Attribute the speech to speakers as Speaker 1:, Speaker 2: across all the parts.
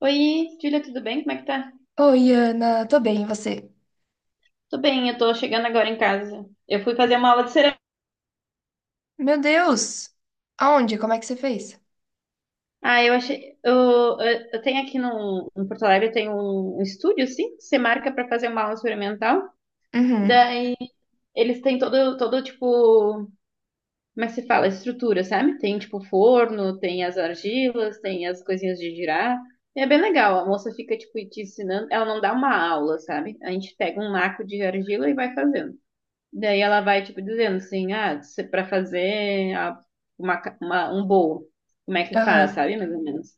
Speaker 1: Oi, Julia, tudo bem? Como é que tá?
Speaker 2: Oi, Ana, tô bem, e você?
Speaker 1: Tô bem, eu tô chegando agora em casa. Eu fui fazer uma aula de cerâmica.
Speaker 2: Meu Deus! Aonde? Como é que você fez?
Speaker 1: Ah, eu achei. Eu tenho aqui no, em Porto Alegre, tem um estúdio, assim, que você marca pra fazer uma aula experimental.
Speaker 2: Uhum,
Speaker 1: Daí eles têm todo tipo. Como é que se fala? Estrutura, sabe? Tem tipo forno, tem as argilas, tem as coisinhas de girar. É bem legal. A moça fica, tipo, te ensinando. Ela não dá uma aula, sabe? A gente pega um naco de argila e vai fazendo. Daí ela vai, tipo, dizendo assim, ah, pra fazer um bolo, como é que faz,
Speaker 2: aham.
Speaker 1: sabe? Mais ou menos.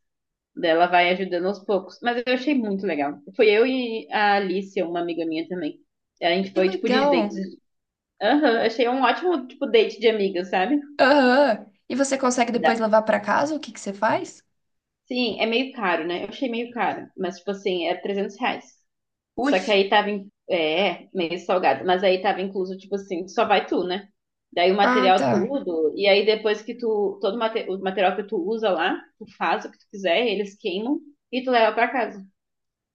Speaker 1: Daí ela vai ajudando aos poucos. Mas eu achei muito legal. Foi eu e a Alice, uma amiga minha também. A gente
Speaker 2: Que
Speaker 1: foi, tipo, de date.
Speaker 2: legal!
Speaker 1: Aham, achei um ótimo, tipo, date de amigas, sabe?
Speaker 2: Aham. E você consegue depois
Speaker 1: Dá.
Speaker 2: levar pra casa? O que que você faz?
Speaker 1: Sim, é meio caro, né? Eu achei meio caro. Mas, tipo assim, é R$ 300.
Speaker 2: Ui.
Speaker 1: Só que aí tava, é, meio salgado, mas aí tava incluso, tipo assim, só vai tu, né? Daí o
Speaker 2: Ah,
Speaker 1: material
Speaker 2: tá.
Speaker 1: tudo, e aí depois que tu, o material que tu usa lá, tu faz o que tu quiser, eles queimam e tu leva pra casa.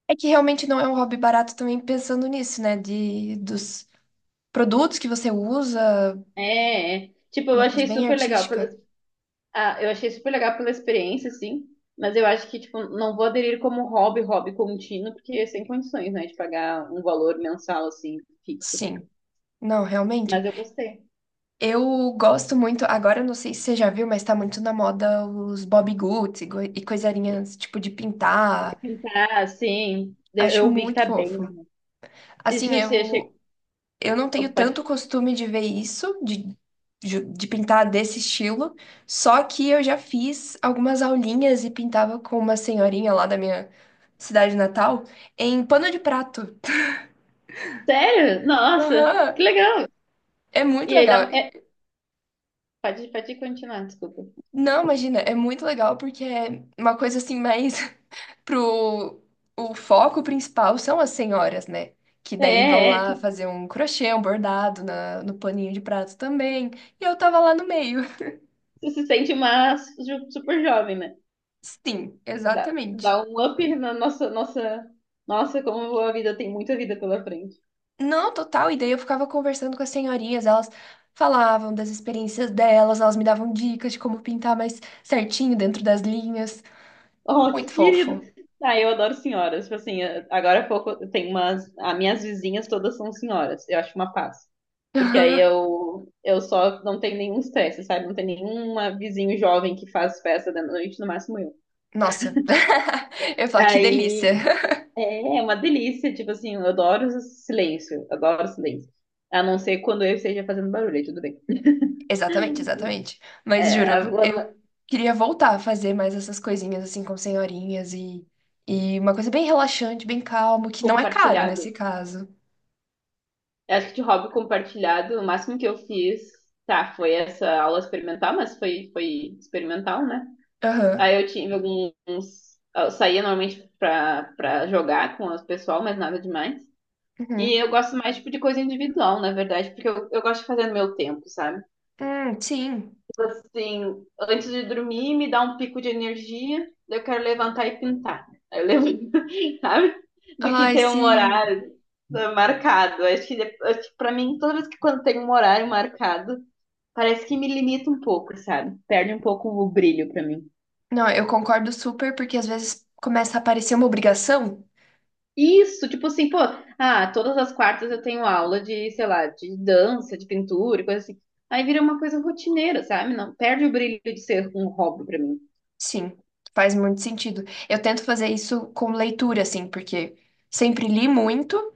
Speaker 2: É que realmente não é um hobby barato também pensando nisso, né? Dos produtos que você usa,
Speaker 1: É, é. Tipo,
Speaker 2: uma coisa bem artística.
Speaker 1: eu achei super legal pela experiência, sim, mas eu acho que, tipo, não vou aderir como hobby, hobby contínuo, porque é sem condições, né, de pagar um valor mensal, assim, fixo.
Speaker 2: Sim. Não, realmente.
Speaker 1: Mas eu gostei.
Speaker 2: Eu gosto muito, agora eu não sei se você já viu, mas tá muito na moda os Bobbie Goods e, e coisarinhas tipo de pintar.
Speaker 1: Tá, sim,
Speaker 2: Acho
Speaker 1: eu vi que
Speaker 2: muito
Speaker 1: tá bem.
Speaker 2: fofo. Assim,
Speaker 1: Deixa eu.
Speaker 2: eu, eu não tenho
Speaker 1: Opa, pode
Speaker 2: tanto
Speaker 1: falar.
Speaker 2: costume de ver isso, de pintar desse estilo, só que eu já fiz algumas aulinhas e pintava com uma senhorinha lá da minha cidade natal em pano de prato.
Speaker 1: Sério? Nossa,
Speaker 2: Aham,
Speaker 1: que legal.
Speaker 2: é muito
Speaker 1: E aí dá.
Speaker 2: legal.
Speaker 1: Pode continuar, desculpa.
Speaker 2: Não, imagina, é muito legal porque é uma coisa assim mais pro o foco principal são as senhoras, né? Que daí vão
Speaker 1: É, é,
Speaker 2: lá
Speaker 1: tu
Speaker 2: fazer um crochê, um bordado no paninho de prato também. E eu tava lá no meio.
Speaker 1: tu se sente uma super jovem, né?
Speaker 2: Sim,
Speaker 1: Dá
Speaker 2: exatamente.
Speaker 1: um up na nossa, nossa. Nossa, como a vida tem muita vida pela frente.
Speaker 2: Não, total. E daí eu ficava conversando com as senhorinhas, elas falavam das experiências delas, elas me davam dicas de como pintar mais certinho dentro das linhas.
Speaker 1: Oh,
Speaker 2: Muito
Speaker 1: que
Speaker 2: fofo.
Speaker 1: querido. Ah, eu adoro senhoras. Tipo assim, agora há pouco eu tenho umas. As minhas vizinhas todas são senhoras. Eu acho uma paz. Porque aí
Speaker 2: Aham.
Speaker 1: eu só não tenho nenhum estresse, sabe? Não tem nenhuma vizinho jovem que faz festa da noite, no máximo eu.
Speaker 2: Nossa. Eu ia falar, que delícia.
Speaker 1: Aí. É uma delícia, tipo assim, eu adoro o silêncio, adoro o silêncio. A não ser quando eu esteja fazendo barulho, aí tudo bem.
Speaker 2: Exatamente, exatamente.
Speaker 1: É,
Speaker 2: Mas juro,
Speaker 1: agora,
Speaker 2: eu queria voltar a fazer mais essas coisinhas assim com senhorinhas e uma coisa bem relaxante, bem calmo, que não é caro
Speaker 1: compartilhado.
Speaker 2: nesse caso.
Speaker 1: Eu acho que de hobby compartilhado, o máximo que eu fiz, tá, foi essa aula experimental, mas foi, foi experimental, né?
Speaker 2: Aham.
Speaker 1: Aí eu tive alguns. Eu saía normalmente pra jogar com o pessoal, mas nada demais. E
Speaker 2: Uhum.
Speaker 1: eu gosto mais, tipo, de coisa individual, na verdade, porque eu gosto de fazer no meu tempo, sabe?
Speaker 2: Sim.
Speaker 1: Assim, antes de dormir, me dá um pico de energia, daí eu quero levantar e pintar. Aí eu levanto, sabe? Do que
Speaker 2: Ai,
Speaker 1: ter um
Speaker 2: sim.
Speaker 1: horário marcado. Acho que para mim, toda vez que quando tem um horário marcado, parece que me limita um pouco, sabe? Perde um pouco o brilho pra mim.
Speaker 2: Não, eu concordo super, porque às vezes começa a parecer uma obrigação.
Speaker 1: Isso, tipo assim, pô, ah, todas as quartas eu tenho aula de, sei lá, de dança, de pintura, e coisa assim. Aí vira uma coisa rotineira, sabe? Não perde o brilho de ser um hobby pra mim.
Speaker 2: Sim, faz muito sentido. Eu tento fazer isso com leitura, assim, porque sempre li muito.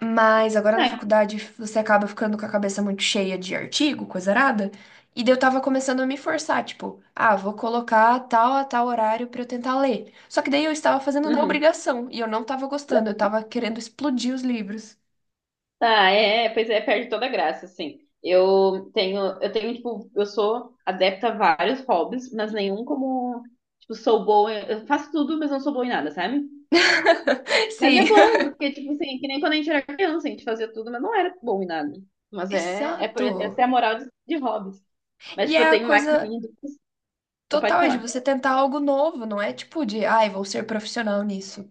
Speaker 2: Mas agora na
Speaker 1: É.
Speaker 2: faculdade você acaba ficando com a cabeça muito cheia de artigo, coisa arada. E daí eu tava começando a me forçar, tipo, ah, vou colocar tal a tal horário pra eu tentar ler. Só que daí eu estava fazendo na
Speaker 1: Uhum.
Speaker 2: obrigação e eu não tava gostando, eu tava querendo explodir os livros.
Speaker 1: Ah, é, é, pois é, perde toda a graça, assim. Eu tenho, tipo, eu sou adepta a vários hobbies, mas nenhum como, tipo, sou boa, eu faço tudo, mas não sou boa em nada, sabe? Mas é
Speaker 2: Sim,
Speaker 1: bom, porque, tipo, assim, que nem quando a gente era criança, a gente fazia tudo, mas não era bom em nada. Mas é, é por,
Speaker 2: exato.
Speaker 1: essa é a moral de, hobbies. Mas,
Speaker 2: E
Speaker 1: tipo, eu
Speaker 2: é a
Speaker 1: tenho
Speaker 2: coisa
Speaker 1: maquininha do. Pode
Speaker 2: total é de
Speaker 1: falar.
Speaker 2: você tentar algo novo, não é tipo de, ai, vou ser profissional nisso.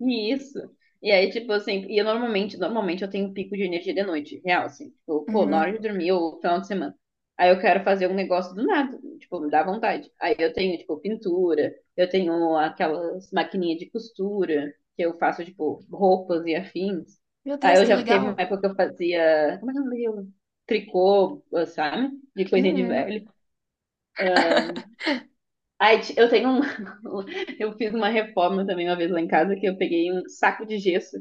Speaker 1: E isso. E aí, tipo assim, e eu normalmente eu tenho um pico de energia de noite, real, assim. Tipo, pô, na hora
Speaker 2: Uhum.
Speaker 1: de dormir ou final de semana. Aí eu quero fazer um negócio do nada, tipo, me dá vontade. Aí eu tenho, tipo, pintura, eu tenho aquelas maquininhas de costura, que eu faço, tipo, roupas e afins.
Speaker 2: Meu
Speaker 1: Aí
Speaker 2: Deus,
Speaker 1: eu
Speaker 2: que
Speaker 1: já teve uma
Speaker 2: legal.
Speaker 1: época que eu fazia, como é que é o nome daquilo? Tricô, sabe? De coisinha de
Speaker 2: Uhum.
Speaker 1: velho. Ah, aí eu fiz uma reforma também uma vez lá em casa, que eu peguei um saco de gesso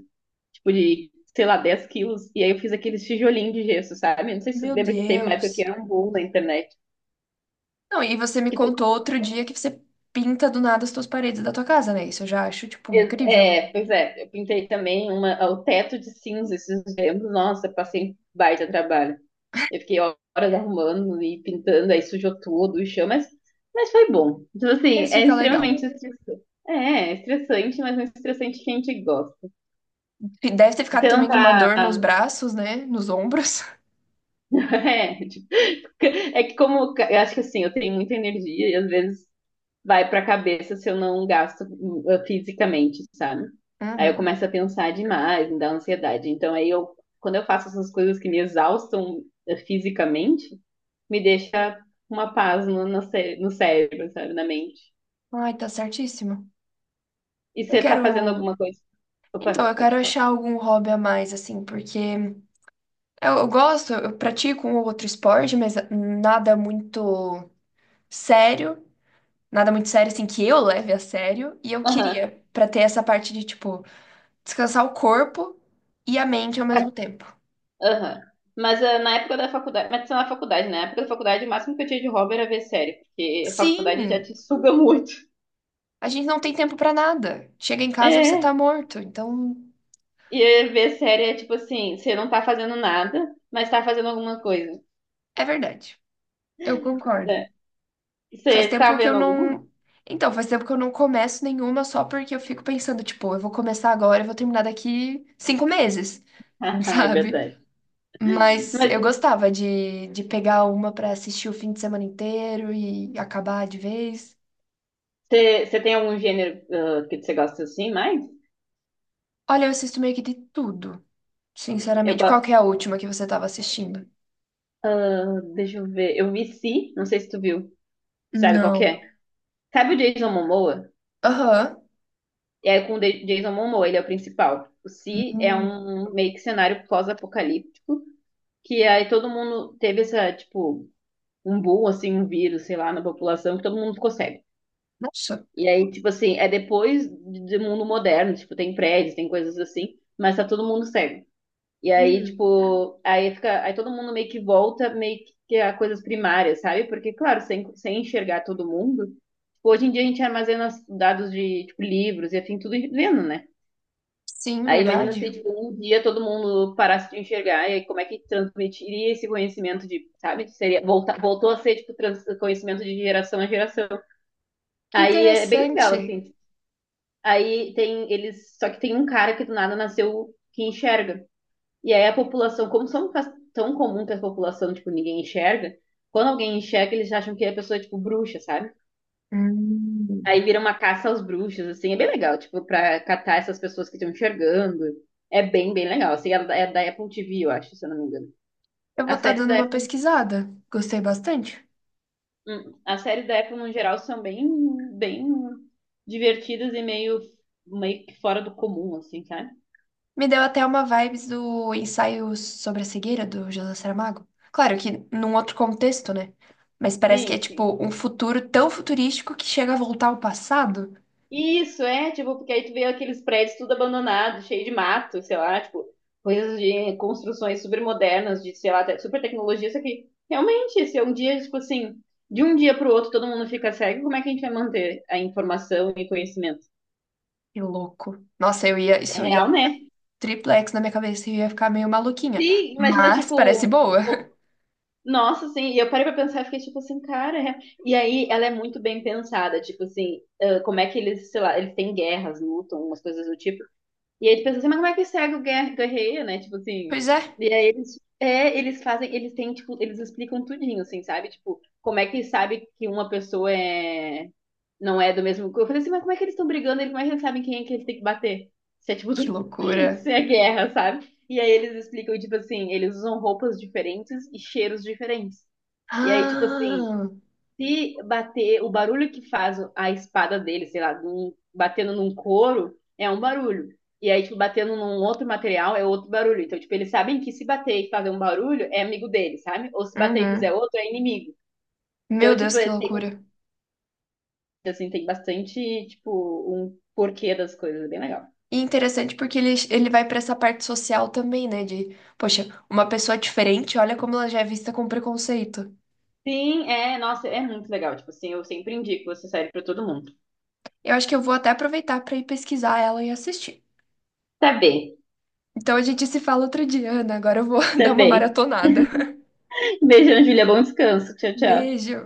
Speaker 1: tipo, de, sei lá, 10 kg. E aí eu fiz aqueles tijolinhos de gesso, sabe? Não sei se você
Speaker 2: Meu
Speaker 1: lembra que teve uma época que
Speaker 2: Deus.
Speaker 1: era um boom na internet.
Speaker 2: Não, e você me
Speaker 1: Que todo
Speaker 2: contou
Speaker 1: mundo
Speaker 2: outro dia que você pinta do nada as tuas paredes da tua casa, né? Isso eu já acho, tipo,
Speaker 1: fez-
Speaker 2: incrível.
Speaker 1: É, pois é, eu pintei também o teto de cinza esses tempos. Nossa, passei um baita trabalho. Eu fiquei horas arrumando e pintando, aí sujou tudo o chão, mas foi bom. Então, assim,
Speaker 2: Mas
Speaker 1: é
Speaker 2: fica legal.
Speaker 1: extremamente estressante. É, é estressante, mas não é estressante que a gente gosta.
Speaker 2: E deve ter ficado
Speaker 1: Você não
Speaker 2: também com uma
Speaker 1: tá.
Speaker 2: dor nos braços, né? Nos ombros.
Speaker 1: É, tipo, é que como eu acho que assim, eu tenho muita energia e às vezes vai para a cabeça se eu não gasto fisicamente, sabe? Aí eu
Speaker 2: Uhum.
Speaker 1: começo a pensar demais, me dá ansiedade. Então aí eu, quando eu faço essas coisas que me exaustam fisicamente, me deixa uma paz no, no cérebro, sabe, na mente.
Speaker 2: Ai, tá certíssimo.
Speaker 1: E
Speaker 2: Eu
Speaker 1: você tá fazendo
Speaker 2: quero.
Speaker 1: alguma coisa?
Speaker 2: Então,
Speaker 1: Opa,
Speaker 2: eu quero
Speaker 1: pode falar.
Speaker 2: achar algum hobby a mais, assim, porque eu gosto, eu pratico um ou outro esporte, mas nada muito sério. Nada muito sério, assim, que eu leve a sério. E eu
Speaker 1: Aham,
Speaker 2: queria, pra ter essa parte de, tipo, descansar o corpo e a mente ao mesmo tempo.
Speaker 1: aham. Mas na época da faculdade, mas isso na faculdade, né? Na época da faculdade, o máximo que eu tinha de hobby era ver série, porque a faculdade já
Speaker 2: Sim,
Speaker 1: te suga muito.
Speaker 2: a gente não tem tempo pra nada. Chega em casa, você
Speaker 1: É,
Speaker 2: tá morto. Então,
Speaker 1: e aí ver série é tipo assim, você não tá fazendo nada, mas tá fazendo alguma coisa.
Speaker 2: é verdade. Eu
Speaker 1: É.
Speaker 2: concordo. Faz
Speaker 1: Você tá
Speaker 2: tempo que eu
Speaker 1: vendo alguma?
Speaker 2: não. Então, faz tempo que eu não começo nenhuma só porque eu fico pensando, tipo, eu vou começar agora, eu vou terminar daqui 5 meses,
Speaker 1: Ah, é
Speaker 2: sabe?
Speaker 1: verdade.
Speaker 2: Mas
Speaker 1: Mas
Speaker 2: eu gostava de pegar uma pra assistir o fim de semana inteiro e acabar de vez.
Speaker 1: você tem algum gênero que você gosta assim mais?
Speaker 2: Olha, eu assisto meio que de tudo,
Speaker 1: Eu
Speaker 2: sinceramente. Qual
Speaker 1: gosto.
Speaker 2: que é a última que você tava assistindo?
Speaker 1: Ah, deixa eu ver. Eu vi Si, não sei se tu viu. Sabe qual que
Speaker 2: Não.
Speaker 1: é? Sabe o Jason Momoa?
Speaker 2: Aham.
Speaker 1: É com o Jason Momoa, ele é o principal. O Si é
Speaker 2: Hum.
Speaker 1: um meio que cenário pós-apocalíptico, que aí todo mundo teve essa, tipo, um boom, assim, um vírus, sei lá, na população, que todo mundo ficou cego.
Speaker 2: Nossa.
Speaker 1: E aí, tipo assim, é depois do mundo moderno, tipo, tem prédios, tem coisas assim, mas tá todo mundo cego. E aí,
Speaker 2: Hum.
Speaker 1: tipo, aí fica, aí todo mundo meio que volta, meio que a coisas primárias, sabe? Porque, claro, sem enxergar todo mundo, tipo, hoje em dia a gente armazena os dados de, tipo, livros e afim, tudo vendo, né?
Speaker 2: Sim,
Speaker 1: Aí imagina se,
Speaker 2: verdade.
Speaker 1: tipo, um dia todo mundo parasse de enxergar, e aí como é que transmitiria esse conhecimento de, sabe? Seria, volta, voltou a ser, tipo, conhecimento de geração a geração.
Speaker 2: Que
Speaker 1: Aí é bem legal,
Speaker 2: interessante.
Speaker 1: assim. Aí tem eles, só que tem um cara que do nada nasceu que enxerga. E aí a população, como são tão comum que a população, tipo, ninguém enxerga, quando alguém enxerga, eles acham que é a pessoa é tipo bruxa, sabe?
Speaker 2: Hum.
Speaker 1: Aí vira uma caça aos bruxos, assim, é bem legal, tipo, pra catar essas pessoas que estão enxergando. É bem, bem legal. Assim, é da Apple TV, eu acho, se eu não me engano.
Speaker 2: Eu vou
Speaker 1: As
Speaker 2: estar
Speaker 1: séries
Speaker 2: dando
Speaker 1: da
Speaker 2: uma
Speaker 1: Apple,
Speaker 2: pesquisada. Gostei bastante.
Speaker 1: as séries da Apple no geral são bem, bem divertidas e meio, meio que fora do comum, assim, sabe?
Speaker 2: Me deu até uma vibes do ensaio sobre a cegueira do José Saramago. Claro que num outro contexto, né? Mas parece que
Speaker 1: Sim,
Speaker 2: é
Speaker 1: sim.
Speaker 2: tipo um futuro tão futurístico que chega a voltar ao passado.
Speaker 1: Isso, é, tipo, porque aí tu vê aqueles prédios tudo abandonado, cheio de mato, sei lá, tipo, coisas de construções super modernas, de, sei lá, super tecnologia, isso aqui realmente, se é um dia, tipo assim, de um dia pro outro todo mundo fica cego, como é que a gente vai manter a informação e conhecimento?
Speaker 2: Que louco. Nossa, eu ia,
Speaker 1: É
Speaker 2: isso ia
Speaker 1: real, né?
Speaker 2: triplex na minha cabeça e eu ia ficar meio maluquinha.
Speaker 1: Sim, imagina,
Speaker 2: Mas parece
Speaker 1: tipo,
Speaker 2: boa.
Speaker 1: o- nossa, assim, e eu parei pra pensar e fiquei, tipo assim, cara, e aí ela é muito bem pensada, tipo assim, ah, como é que eles, sei lá, eles têm guerras, lutam, umas coisas do tipo. E aí tu pensa assim, mas como é que cego guerreia, né? Tipo assim.
Speaker 2: Pois é.
Speaker 1: E aí eles, é, eles fazem, eles têm, tipo, eles explicam tudinho, assim, sabe? Tipo, como é que sabe que uma pessoa é, não é do mesmo. Eu falei assim, mas como é que eles estão brigando? Eles, como é que eles sabem quem é que eles têm que bater? Se é tipo,
Speaker 2: Que loucura.
Speaker 1: se é guerra, sabe? E aí eles explicam, tipo assim, eles usam roupas diferentes e cheiros diferentes. E aí, tipo assim,
Speaker 2: Ah.
Speaker 1: se bater, o barulho que faz a espada dele, sei lá, batendo num couro, é um barulho. E aí, tipo, batendo num outro material é outro barulho. Então, tipo, eles sabem que se bater e fazer um barulho é amigo dele, sabe? Ou se bater e fizer
Speaker 2: Uhum.
Speaker 1: outro é inimigo.
Speaker 2: Meu
Speaker 1: Então,
Speaker 2: Deus,
Speaker 1: tipo,
Speaker 2: que
Speaker 1: tem,
Speaker 2: loucura.
Speaker 1: assim, tem bastante, tipo, um porquê das coisas, é bem legal.
Speaker 2: E interessante porque ele vai pra essa parte social também, né? De, poxa, uma pessoa diferente, olha como ela já é vista com preconceito.
Speaker 1: Sim, é, nossa, é muito legal. Tipo assim, eu sempre indico essa série pra todo mundo.
Speaker 2: Eu acho que eu vou até aproveitar pra ir pesquisar ela e assistir.
Speaker 1: Tá bem,
Speaker 2: Então a gente se fala outro dia, Ana. Agora eu vou dar
Speaker 1: tá
Speaker 2: uma
Speaker 1: bem.
Speaker 2: maratonada.
Speaker 1: Beijo, Ana Júlia, bom descanso. Tchau, tchau.
Speaker 2: Beijo!